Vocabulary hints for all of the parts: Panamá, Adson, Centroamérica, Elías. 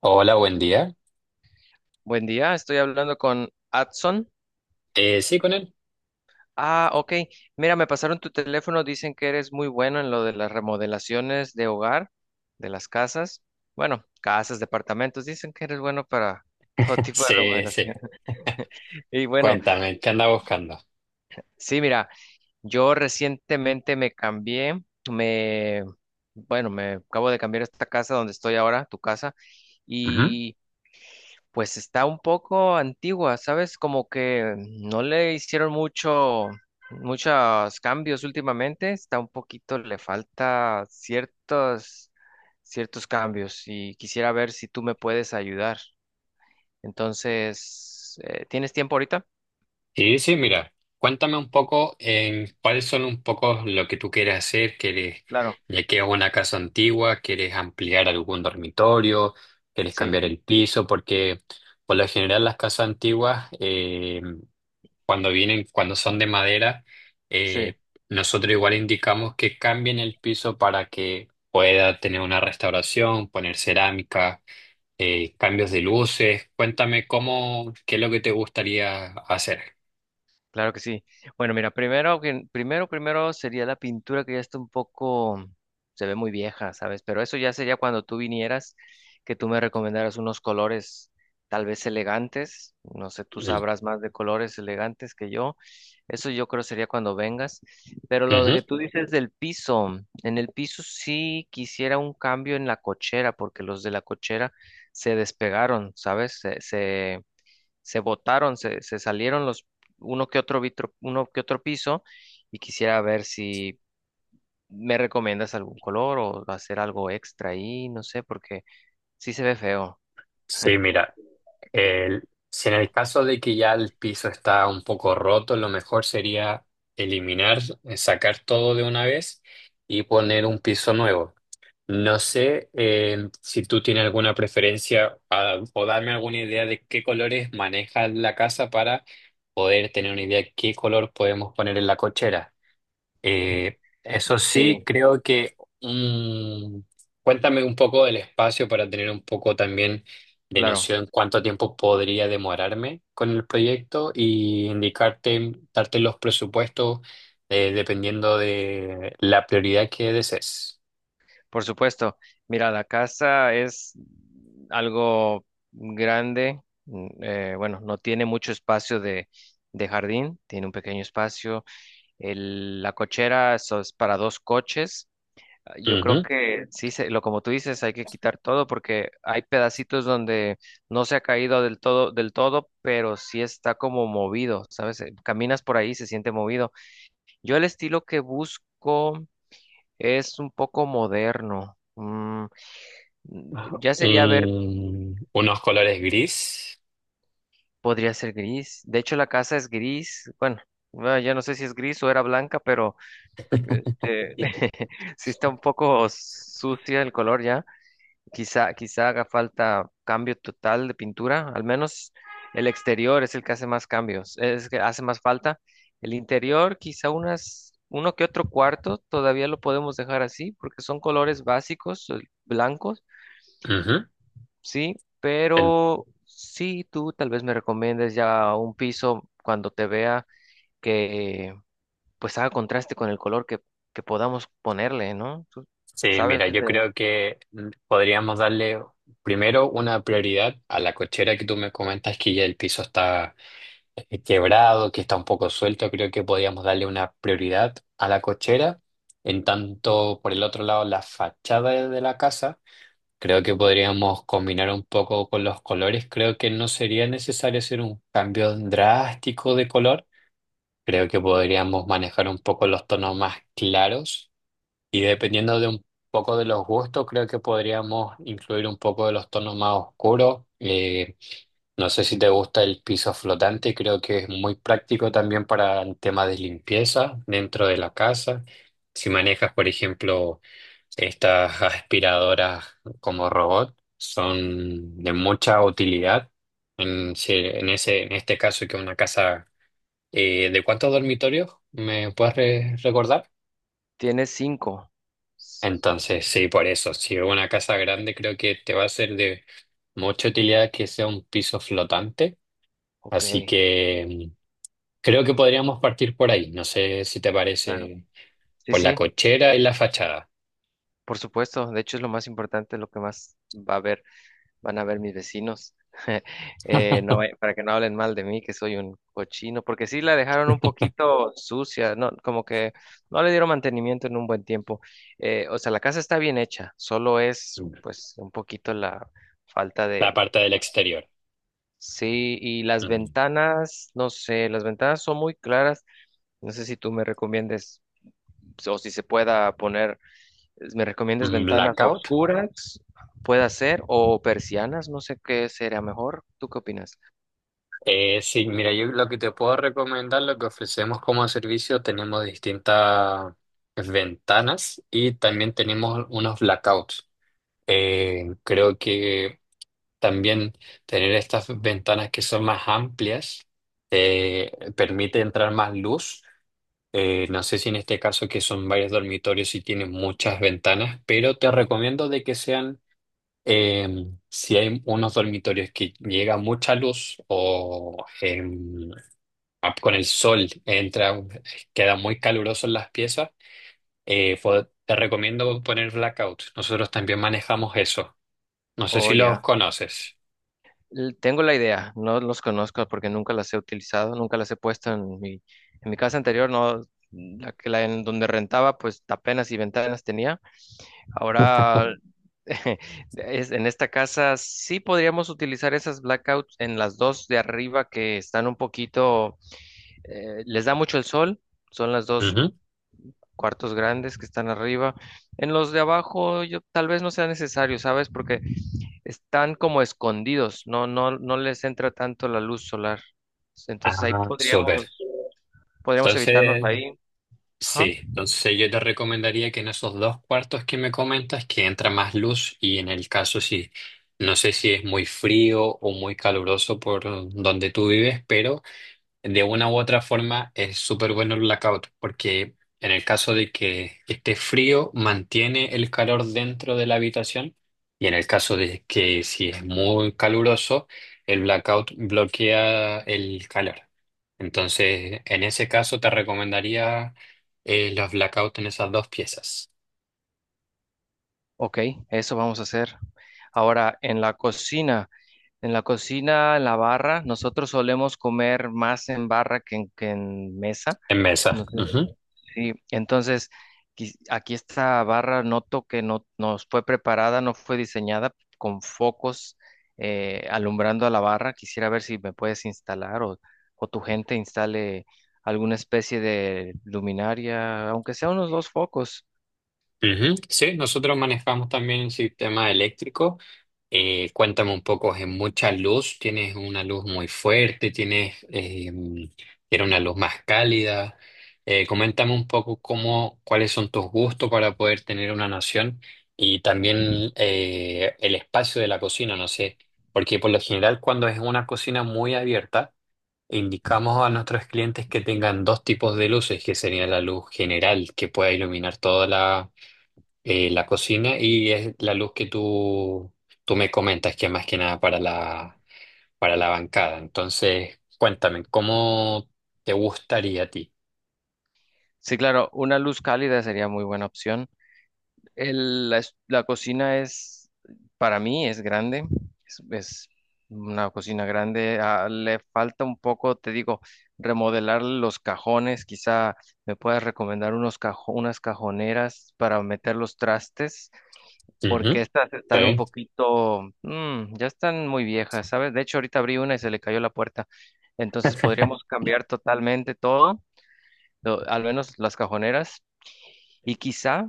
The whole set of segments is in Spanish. Hola, buen día. Buen día, estoy hablando con Adson. Sí, con él. Ah, ok. Mira, me pasaron tu teléfono, dicen que eres muy bueno en lo de las remodelaciones de hogar, de las casas. Bueno, casas, departamentos, dicen que eres bueno para todo tipo de Sí, sí. remodelación. Y bueno, Cuéntame, ¿qué anda buscando? sí, mira, yo recientemente me cambié, me, bueno, me acabo de cambiar a esta casa donde estoy ahora, tu casa, Ujú. y pues está un poco antigua, ¿sabes? Como que no le hicieron mucho, muchos cambios últimamente. Está un poquito, le falta ciertos, ciertos cambios y quisiera ver si tú me puedes ayudar. Entonces, ¿tienes tiempo ahorita? Sí, sí, mira, cuéntame un poco en cuáles son un poco lo que tú quieres hacer. Claro. Ya que es una casa antigua, ¿quieres ampliar algún dormitorio? ¿Quieres Sí, cambiar el piso? Porque por lo general las casas antiguas, cuando vienen, cuando son de madera, sí. eh, nosotros igual indicamos que cambien el piso para que pueda tener una restauración, poner cerámica, cambios de luces. Cuéntame cómo, qué es lo que te gustaría hacer. Claro que sí. Bueno, mira, primero, primero, primero sería la pintura que ya está un poco, se ve muy vieja, ¿sabes? Pero eso ya sería cuando tú vinieras, que tú me recomendaras unos colores tal vez elegantes. No sé, tú Mm, sabrás más de colores elegantes que yo. Eso yo creo sería cuando vengas. Pero lo ujú. que tú dices del piso, en el piso sí quisiera un cambio en la cochera, porque los de la cochera se despegaron, ¿sabes? Se se botaron, se salieron los uno que otro vitro, uno que otro piso y quisiera ver si me recomiendas algún color o hacer algo extra ahí, no sé, porque sí se ve feo. Sí, mira, si en el caso de que ya el piso está un poco roto, lo mejor sería eliminar, sacar todo de una vez y poner un piso nuevo. No sé si tú tienes alguna preferencia, ah, o darme alguna idea de qué colores maneja la casa para poder tener una idea de qué color podemos poner en la cochera. Eso sí, Sí, creo que... Mm, cuéntame un poco del espacio para tener un poco también de claro, noción cuánto tiempo podría demorarme con el proyecto y indicarte, darte los presupuestos, dependiendo de la prioridad que desees. por supuesto. Mira, la casa es algo grande, bueno, no tiene mucho espacio de jardín, tiene un pequeño espacio. La cochera eso es para dos coches. Yo creo Ujú. que sí, lo como tú dices, hay que quitar todo porque hay pedacitos donde no se ha caído del todo, pero sí está como movido, ¿sabes? Caminas por ahí, y se siente movido. Yo el estilo que busco es un poco moderno. Ya sería ver, Unos colores gris. podría ser gris. De hecho, la casa es gris. Bueno, bueno, ya no sé si es gris o era blanca, pero este, sí está un poco sucia el color ya. Quizá, quizá haga falta cambio total de pintura, al menos el exterior es el que hace más cambios, es que hace más falta. El interior, quizá unas, uno que otro cuarto, todavía lo podemos dejar así, porque son colores básicos, blancos, Ujú. sí, pero sí, tú tal vez me recomiendes ya un piso cuando te vea que pues haga contraste con el color que podamos ponerle, ¿no? Tú Sí, sabes mira, yo de, creo que mm, podríamos darle primero una prioridad a la cochera que tú me comentas que ya el piso está quebrado, que está un poco suelto. Creo que podríamos darle una prioridad a la cochera. En tanto, por el otro lado, la fachada de la casa, creo que podríamos combinar un poco con los colores. Creo que no sería necesario hacer un cambio drástico de color. Creo que podríamos manejar un poco los tonos más claros. Y dependiendo de un poco de los gustos, creo que podríamos incluir un poco de los tonos más oscuros. No sé si te gusta el piso flotante, creo que es muy práctico también para el tema de limpieza dentro de la casa. Si manejas, por ejemplo, estas aspiradoras como robot, son de mucha utilidad. En, si- en ese, en este caso, que una casa ¿de cuántos dormitorios me puedes recordar? tienes cinco. S- Entonces, sí, por eso, si es una casa grande, creo que te va a ser de mucha utilidad que sea un piso flotante. Ok. Así que mm, creo que podríamos partir por ahí. No sé si te Claro. parece Sí, por la sí, cochera y la fachada. por supuesto. De hecho, es lo más importante, lo que más va a ver, van a ver mis vecinos. No, vaya- para que no hablen mal de mí, que soy un cochino, porque sí la dejaron un poquito sucia, no, como que no le dieron mantenimiento en un buen tiempo. O sea, la casa está bien hecha, solo es Mm, pues un poquito la falta de... la parte del exterior. Sí, y las Ujú. ventanas, no sé, las ventanas son muy claras. No sé si tú me recomiendes o si se pueda poner. ¿Me recomiendas Mm, ventanas blackout. oscuras? Puede ser, o persianas, no sé qué sería mejor. ¿Tú qué opinas? Sí, mira, yo lo que te puedo recomendar, lo que ofrecemos como servicio, tenemos distintas ventanas y también tenemos unos blackouts. Creo que también tener estas ventanas que son más amplias permite entrar más luz. No sé si en este caso que son varios dormitorios y tienen muchas ventanas, pero te recomiendo de que sean, eh, si hay unos dormitorios que llega mucha luz o con el sol entra, queda muy caluroso en las piezas, te recomiendo poner blackout. Nosotros también manejamos eso. No sé Oh, si los ya. conoces. L- Tengo la idea, no los conozco porque nunca las he utilizado, nunca las he puesto en mi casa anterior, no, la que la en donde rentaba, pues apenas y ventanas tenía. Ahora en esta casa sí podríamos utilizar esas blackouts en las dos de arriba que están un poquito, les da mucho el sol, son las dos cuartos grandes que están arriba. En los de abajo, yo tal vez no sea necesario, ¿sabes? Porque están como escondidos, no, no, no les entra tanto la luz solar. Entonces ahí Ah, súper. podríamos, podríamos evitarnos Entonces, ahí. Ajá. sí, entonces yo te recomendaría que en esos dos cuartos que me comentas, que entra más luz y en el caso si, no sé si es muy frío o muy caluroso por donde tú vives, pero de una u otra forma es súper bueno el blackout, porque en el caso de que esté frío, mantiene el calor dentro de la habitación y en el caso de que si es muy caluroso, el blackout bloquea el calor. Entonces, en ese caso te recomendaría los blackouts en esas dos piezas. Ok, eso vamos a hacer. Ahora, en la cocina, en la cocina, en la barra, nosotros solemos comer más en barra que que en mesa. En mesa. No sé. Sí, entonces quis- aquí esta barra noto que no nos fue preparada, no fue diseñada con focos alumbrando a la barra. Quisiera ver si me puedes instalar o tu gente instale alguna especie de luminaria, aunque sea unos dos focos. Ujú. Sí, nosotros manejamos también el sistema eléctrico. Cuéntame un poco, ¿es mucha luz? ¿Tienes una luz muy fuerte? ¿Tienes ¿quieres una luz más cálida? Coméntame un poco cómo, cuáles son tus gustos para poder tener una noción y también el espacio de la cocina, no sé, porque por lo general cuando es una cocina muy abierta, indicamos a nuestros clientes que tengan dos tipos de luces, que sería la luz general que pueda iluminar toda la la cocina y es la luz que tú me comentas, que es más que nada para para la bancada. Entonces, cuéntame, ¿cómo te gustaría a ti? Sí, claro, una luz cálida sería muy buena opción. La cocina es, para mí, es grande. Es una cocina grande. Ah, le falta un poco, te digo, remodelar los cajones. Quizá me puedas recomendar unas cajoneras para meter los trastes, Ujú. porque estas Sí, están un poquito, ya están muy viejas, ¿sabes? De hecho, ahorita abrí una y se le cayó la puerta. Entonces podríamos cambiar totalmente todo, lo- al menos las cajoneras. Y quizá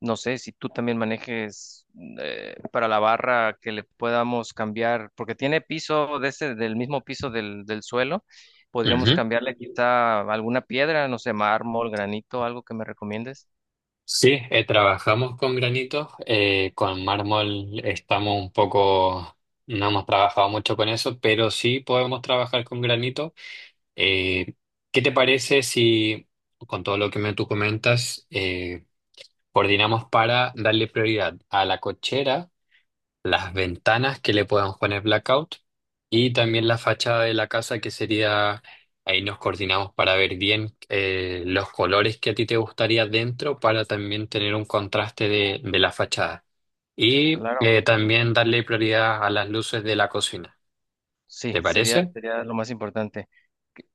no sé si tú también manejes para la barra que le podamos cambiar, porque tiene piso de ese, del mismo piso del, del suelo. Podríamos ujú. cambiarle quizá alguna piedra, no sé, mármol, granito, algo que me recomiendes. Sí, trabajamos con granitos, con mármol estamos un poco, no hemos trabajado mucho con eso, pero sí podemos trabajar con granito. Eh, ¿Qué te parece si, con todo lo que me tú comentas, coordinamos para darle prioridad a la cochera, las ventanas que le puedan poner blackout y también la fachada de la casa que sería, ahí nos coordinamos para ver bien los colores que a ti te gustaría dentro para también tener un contraste de la fachada. Y Claro. También darle prioridad a las luces de la cocina. Sí, ¿Te sería, parece? sería lo más importante.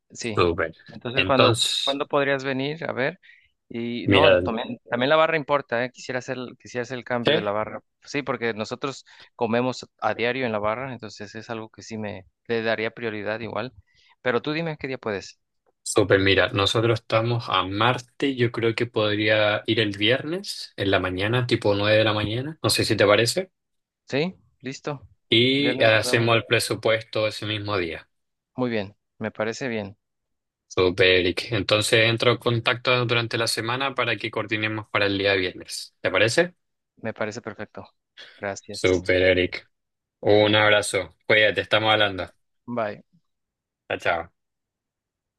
Sí. Súper. Entonces, cuando Entonces, ¿cuándo podrías venir? A ver. Y no, mira, también también, la barra importa, ¿eh? Quisiera hacer el ¿sí? cambio de la barra. Sí, porque nosotros comemos a diario en la barra, entonces es algo que sí me le daría prioridad igual. Pero tú dime qué día puedes. Súper, mira, nosotros estamos a Marte, yo creo que podría ir el viernes en la mañana, tipo 9 de la mañana, no sé si te parece, ¿Sí? ¿Listo? y Viernes nos vemos. hacemos el presupuesto ese mismo día. Muy bien, Súper, Eric. Entonces entro en contacto durante la semana para que coordinemos para el día viernes. ¿Te parece? me parece perfecto. Gracias. Súper, Eric. Un abrazo. Cuídate, estamos hablando. Bye. Chao, chao.